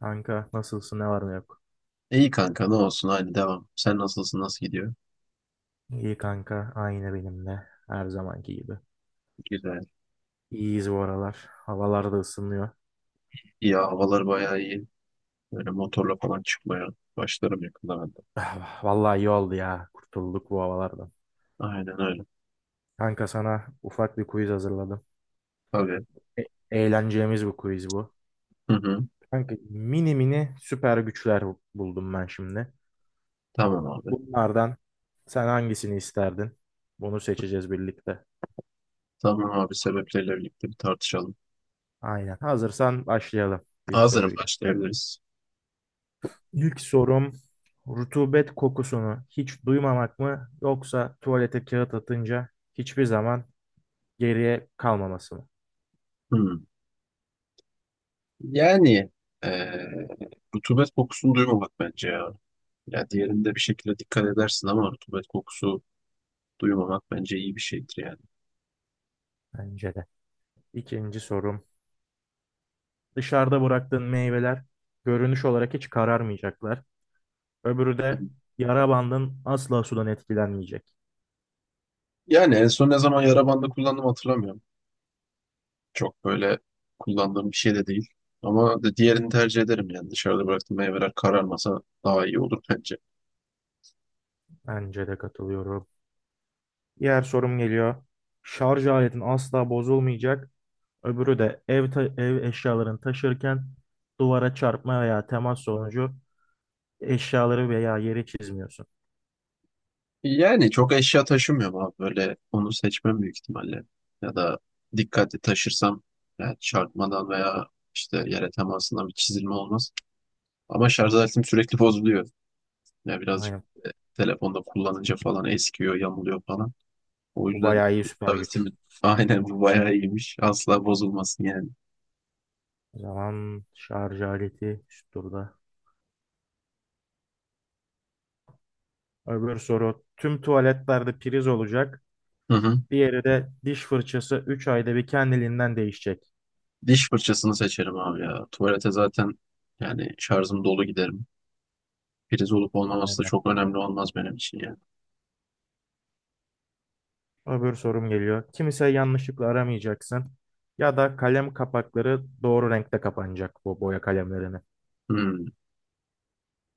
Kanka nasılsın ne var ne yok? İyi kanka ne olsun hadi devam. Sen nasılsın nasıl gidiyor? İyi kanka aynı benim de her zamanki gibi. Güzel. İyiyiz bu aralar. Havalar da ısınıyor. İyi havalar bayağı iyi. Böyle motorla falan çıkmaya başlarım yakında ben de. Ah, vallahi iyi oldu ya, kurtulduk bu havalardan. Aynen öyle. Kanka sana ufak bir quiz hazırladım. Tabii. E Eğleneceğimiz bir quiz bu. Hı hı. Kanka mini mini süper güçler buldum ben şimdi. Tamam abi. Bunlardan sen hangisini isterdin? Bunu seçeceğiz birlikte. Tamam abi sebepleriyle birlikte bir tartışalım. Aynen, hazırsan başlayalım ilk Hazırım soruyla. başlayabiliriz. İlk sorum, rutubet kokusunu hiç duymamak mı yoksa tuvalete kağıt atınca hiçbir zaman geriye kalmaması mı? Hı. Yani eee rutubet kokusunu duymamak bence ya. Ya diğerinde bir şekilde dikkat edersin ama rutubet kokusu duymamak bence iyi bir şeydir yani. Bence de. İkinci sorum, dışarıda bıraktığın meyveler görünüş olarak hiç kararmayacaklar. Öbürü Hı. de yara bandın asla sudan etkilenmeyecek. Yani en son ne zaman yara bandı kullandım hatırlamıyorum. Çok böyle kullandığım bir şey de değil. Ama diğerini tercih ederim yani. Dışarıda bıraktığım meyveler kararmasa daha iyi olur bence. Bence de, katılıyorum. Diğer sorum geliyor. Şarj aletin asla bozulmayacak. Öbürü de ev eşyalarını taşırken duvara çarpma veya temas sonucu eşyaları veya yeri çizmiyorsun. Yani çok eşya taşımıyorum abi. Böyle onu seçmem büyük ihtimalle. Ya da dikkatli taşırsam yani çarpmadan veya işte yere temasından bir çizilme olmaz. Ama şarj aletim sürekli bozuluyor. Yani birazcık Aynen. e, telefonda kullanınca falan eskiyor, yamuluyor falan. O Bu yüzden bayağı iyi şarj süper güç. aletimin aynen bu bayağı iyiymiş. Asla bozulmasın yani. O zaman şarj aleti üst turda. Öbür soru. Tüm tuvaletlerde priz olacak. Hı hı. Diğeri de diş fırçası 3 ayda bir kendiliğinden değişecek. Diş fırçasını seçerim abi ya. Tuvalete zaten yani şarjım dolu giderim. Priz olup olmaması da Aynen. çok önemli olmaz benim için ya. Öbür sorum geliyor. Kimse yanlışlıkla aramayacaksın. Ya da kalem kapakları doğru renkte kapanacak bu boya kalemlerini. Hmm.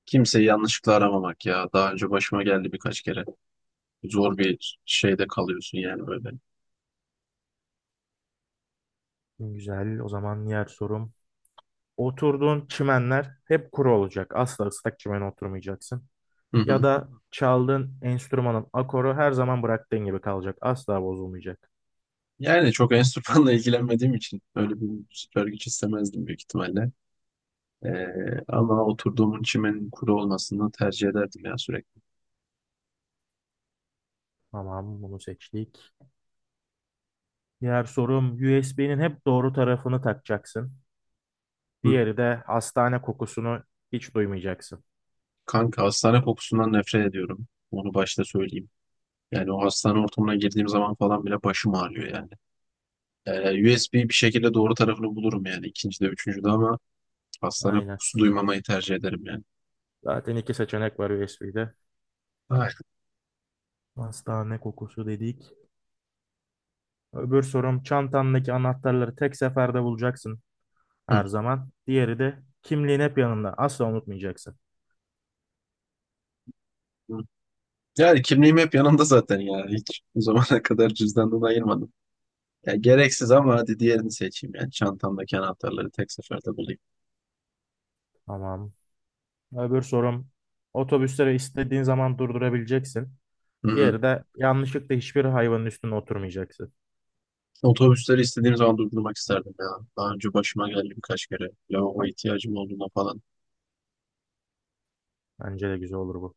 Kimseyi yanlışlıkla aramamak ya. Daha önce başıma geldi birkaç kere. Zor bir şeyde kalıyorsun yani böyle. Güzel. O zaman diğer sorum. Oturduğun çimenler hep kuru olacak. Asla ıslak çimene oturmayacaksın. Hı Ya hı. da çaldığın enstrümanın akoru her zaman bıraktığın gibi kalacak. Asla bozulmayacak. Yani çok enstrümanla ilgilenmediğim için öyle bir süper güç istemezdim büyük ihtimalle. Ama oturduğumun çimenin kuru olmasını tercih ederdim ya sürekli. Tamam, bunu seçtik. Diğer sorum, USB'nin hep doğru tarafını takacaksın. Hı. Diğeri de hastane kokusunu hiç duymayacaksın. Kanka hastane kokusundan nefret ediyorum. Onu başta söyleyeyim. Yani o hastane ortamına girdiğim zaman falan bile başım ağrıyor yani. USB bir şekilde doğru tarafını bulurum yani ikincide, üçüncüde ama hastane Aynen. kokusu duymamayı tercih ederim yani. Zaten iki seçenek var USB'de. Ay. Hastane kokusu dedik. Öbür sorum, çantandaki anahtarları tek seferde bulacaksın Hı, her zaman. Diğeri de kimliğin hep yanında. Asla unutmayacaksın. hı. Yani kimliğim hep yanımda zaten ya. Hiç bu zamana kadar cüzdandan ayırmadım. Ya gereksiz ama hadi diğerini seçeyim yani. Çantamdaki anahtarları tek seferde bulayım. Tamam. Öbür sorum, otobüsleri istediğin zaman durdurabileceksin. Hı hı. Diğeri de yanlışlıkla hiçbir hayvanın üstüne oturmayacaksın. Otobüsleri istediğim zaman durdurmak isterdim ya. Daha önce başıma geldi birkaç kere. Lavabo ihtiyacım olduğunda falan. Bence de güzel olur bu.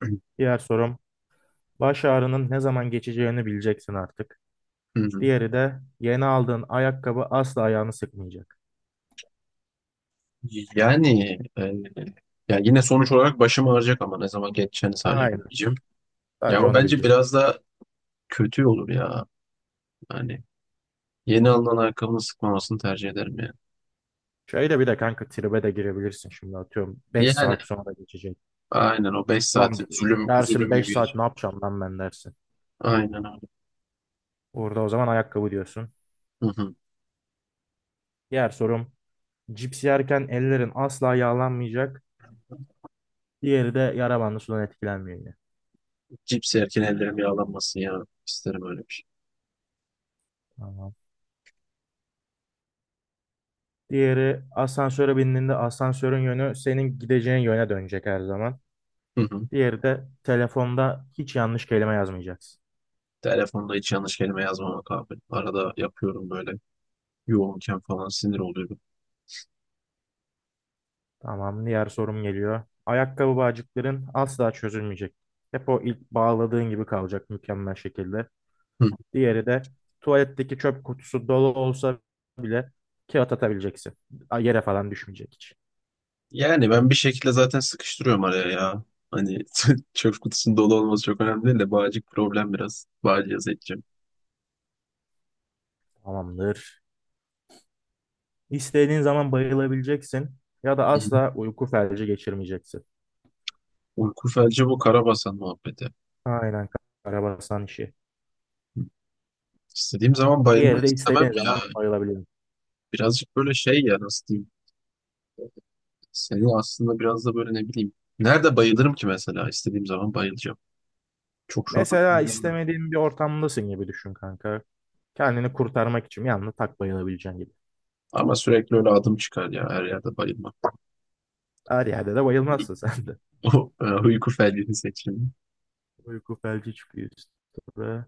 Diğer sorum, baş ağrının ne zaman geçeceğini bileceksin artık. Hı hı. Diğeri de yeni aldığın ayakkabı asla ayağını sıkmayacak. Yani ya yine sonuç olarak başım ağrıyacak ama ne zaman geçeceğini sadece Aynen. bileceğim. Ya Sadece o onu bence bilecek. biraz da kötü olur ya. Yani yeni alınan ayakkabının sıkmamasını tercih ederim yani. Şöyle bir de kanka, tribe de girebilirsin şimdi, atıyorum 5 Yani saat sonra geçecek. aynen o 5 saati Lan zulüm dersin, zulüm 5 gibi saat geçer. ne yapacağım lan ben dersin. Aynen öyle. Orada o zaman ayakkabı diyorsun. Hı hı. Diğer sorum, cips yerken ellerin asla yağlanmayacak. Diğeri de yara bandı sudan etkilenmiyor yine. Cips yerken ellerim yağlanmasın ya. İsterim öyle bir şey. Tamam. Diğeri, asansöre bindiğinde asansörün yönü senin gideceğin yöne dönecek her zaman. Hı hı. Diğeri de telefonda hiç yanlış kelime yazmayacaksın. Telefonda hiç yanlış kelime yazmamak abi. Arada yapıyorum böyle yoğunken falan sinir oluyorum. Tamam, diğer sorum geliyor. Ayakkabı bağcıkların asla çözülmeyecek. Hep o ilk bağladığın gibi kalacak, mükemmel şekilde. Diğeri de tuvaletteki çöp kutusu dolu olsa bile kağıt atabileceksin. Yere falan düşmeyecek hiç. Yani ben bir şekilde zaten sıkıştırıyorum araya ya. Hani çöp kutusunun dolu olması çok önemli değil de bağcık problem biraz. Bağcıya yaz edeceğim. Tamamdır. İstediğin zaman bayılabileceksin ya da Hı. asla uyku felci geçirmeyeceksin. Uyku felci bu Karabasan muhabbeti. Aynen, karabasan işi. İstediğim zaman bayılmak Diğeri de istemem istediğin ya. zaman ayrılabiliyor. Birazcık böyle şey ya nasıl diyeyim. Seni aslında biraz da böyle ne bileyim. Nerede bayılırım ki mesela istediğim zaman bayılacağım. Çok şu an Mesela aklıma gelmedi. istemediğin bir ortamdasın gibi düşün kanka. Kendini kurtarmak için yalnız tak bayılabileceğin gibi. Ama sürekli öyle adım çıkar ya her yerde bayılmak. Her yerde de bayılmazsın sen de. Uyku felcini seçeyim. Uyku felci çıkıyor üstüne.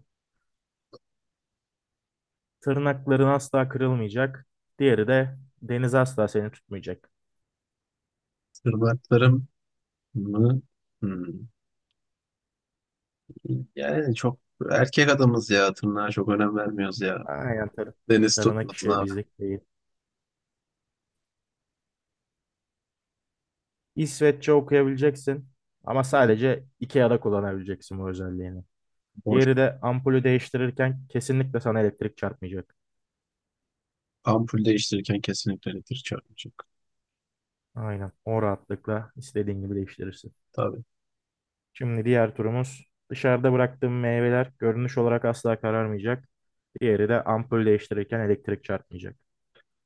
Tırnakların asla kırılmayacak. Diğeri de deniz asla seni tutmayacak. Tırnaklarım mı? Hmm. Yani çok erkek adamız ya. Tırnağa çok önem vermiyoruz ya. Aynen. Deniz Tırnak tutmasın işi abi. bizlik değil. İsveççe okuyabileceksin. Ama sadece IKEA'da kullanabileceksin bu özelliğini. Boş. Diğeri de ampulü değiştirirken kesinlikle sana elektrik çarpmayacak. Ampul değiştirirken kesinlikle elektrik çarpmayacak. Aynen. O rahatlıkla istediğin gibi değiştirirsin. Tabii. Şimdi diğer turumuz, dışarıda bıraktığım meyveler görünüş olarak asla kararmayacak. Diğeri de ampul değiştirirken elektrik çarpmayacak.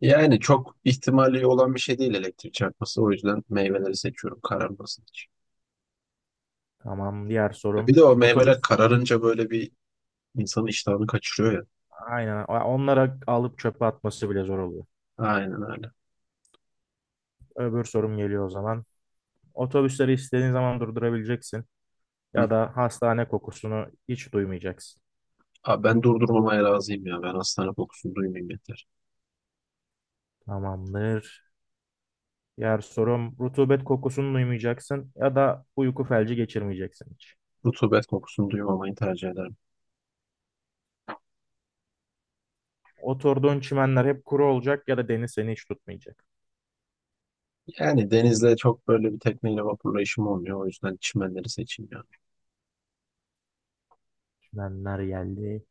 Yani çok ihtimali olan bir şey değil elektrik çarpması. O yüzden meyveleri seçiyorum kararmasın için. Tamam. Diğer E bir sorum de o meyveler otobüs. kararınca böyle bir insanın iştahını kaçırıyor ya. Aynen. Onlara alıp çöpe atması bile zor oluyor. Aynen öyle. Öbür sorum geliyor o zaman. Otobüsleri istediğin zaman durdurabileceksin Hı. ya da hastane kokusunu hiç duymayacaksın. Abi ben durdurmamaya razıyım ya. Ben hastane kokusunu duymayayım yeter. Tamamdır. Diğer sorum, rutubet kokusunu duymayacaksın ya da uyku felci geçirmeyeceksin hiç. Rutubet kokusunu duymamayı tercih ederim. Oturduğun çimenler hep kuru olacak ya da deniz seni hiç tutmayacak. Yani denizde çok böyle bir tekneyle vapurla işim olmuyor. O yüzden çimenleri seçeyim ya. Çimenler geldi.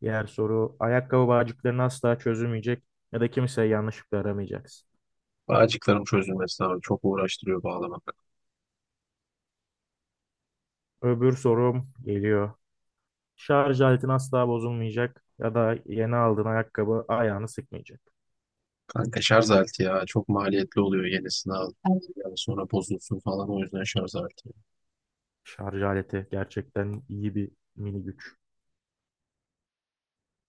Diğer soru, ayakkabı bağcıklarını asla çözülmeyecek ya da kimseye yanlışlıkla aramayacaksın. Bağcıkların çözülmesi abi çok uğraştırıyor bağlamak. Öbür sorum geliyor. Şarj aletin asla bozulmayacak ya da yeni aldığın ayakkabı ayağını sıkmayacak. Kanka şarj aleti ya çok maliyetli oluyor yenisini al. Evet. Yani sonra bozulsun falan o yüzden şarj aleti. Şarj aleti gerçekten iyi bir mini güç.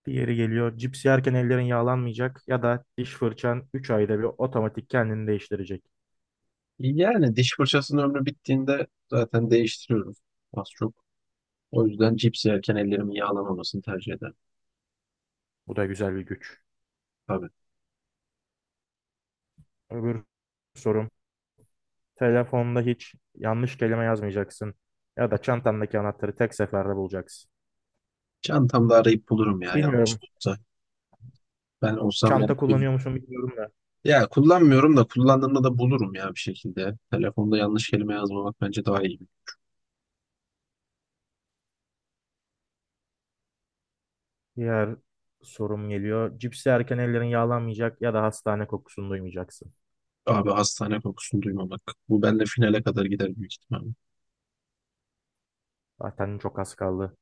Diğeri geliyor. Cips yerken ellerin yağlanmayacak ya da diş fırçan 3 ayda bir otomatik kendini değiştirecek. Yani diş fırçasının ömrü bittiğinde zaten değiştiriyoruz az çok. O yüzden cips yerken ellerimin yağlamamasını tercih ederim. Bu da güzel bir güç. Tabii. Öbür sorum. Telefonda hiç yanlış kelime yazmayacaksın. Ya da çantandaki anahtarı tek seferde bulacaksın. Çantamda arayıp bulurum ya Bilmiyorum. yanlışlıkla. Ben Çok olsam ben de çanta kullanıyor bilmiyorum. musun, bilmiyorum da. Ya kullanmıyorum da kullandığımda da bulurum ya bir şekilde. Telefonda yanlış kelime yazmamak bence daha iyi. Diğer sorum geliyor. Cips yerken ellerin yağlanmayacak ya da hastane kokusunu duymayacaksın. Abi hastane kokusunu duymamak. Bu benimle finale kadar gider büyük ihtimalle. Zaten çok az kaldı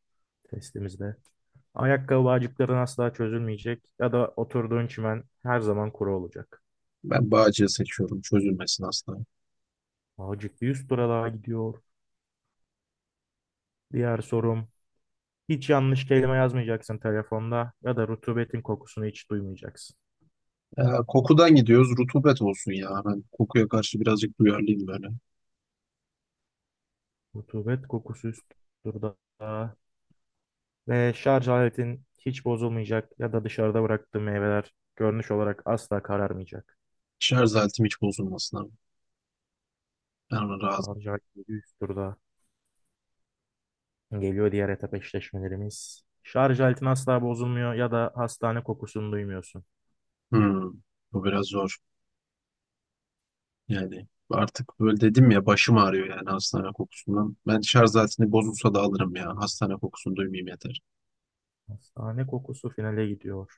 testimizde. Ayakkabı bağcıkların asla çözülmeyecek ya da oturduğun çimen her zaman kuru olacak. Ben Bağcı'yı seçiyorum. Çözülmesin asla. Bağcık bir yüz tura daha gidiyor. Diğer sorum. Hiç yanlış kelime yazmayacaksın telefonda ya da rutubetin kokusunu hiç duymayacaksın. Ee, Kokudan gidiyoruz. Rutubet olsun ya. Ben kokuya karşı birazcık duyarlıyım böyle. Rutubet kokusu üst turda. Ve şarj aletin hiç bozulmayacak ya da dışarıda bıraktığı meyveler görünüş olarak asla kararmayacak. Şarj aletim hiç bozulmasın abi. Ben ona razım. Şarj aleti üst turda. Geliyor diğer etap eşleşmelerimiz. Şarj aletin asla bozulmuyor ya da hastane kokusunu duymuyorsun. Hmm, bu biraz zor. Yani artık böyle dedim ya başım ağrıyor yani hastane kokusundan. Ben şarj aletini bozulsa da alırım ya. Hastane kokusunu duymayayım yeter. Hastane kokusu finale gidiyor.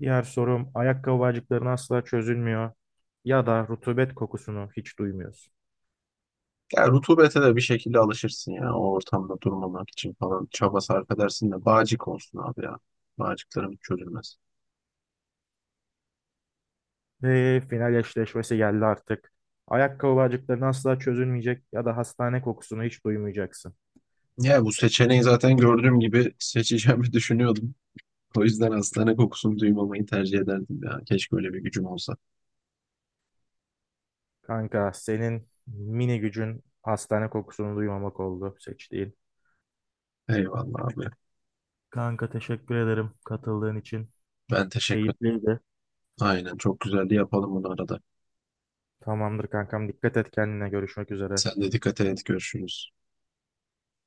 Diğer sorum, ayakkabı bağcıkların asla çözülmüyor ya da rutubet kokusunu hiç duymuyorsun. Ya rutubete de bir şekilde alışırsın ya. O ortamda durmamak için falan çaba sarf edersin de bağcık olsun abi ya. Bağcıklarım çözülmez. Ve final eşleşmesi geldi artık. Ayakkabı bağcıkların asla çözülmeyecek ya da hastane kokusunu hiç duymayacaksın. Ya bu seçeneği zaten gördüğüm gibi seçeceğimi düşünüyordum. O yüzden hastane kokusunu duymamayı tercih ederdim ya. Keşke öyle bir gücüm olsa. Kanka, senin mini gücün hastane kokusunu duymamak oldu seçtiğin. Eyvallah abi. Kanka teşekkür ederim katıldığın için. Ben teşekkür Keyifliydi. aynen çok güzeldi yapalım bunu arada. Tamamdır kankam, dikkat et kendine, görüşmek üzere. Sen de dikkat et görüşürüz.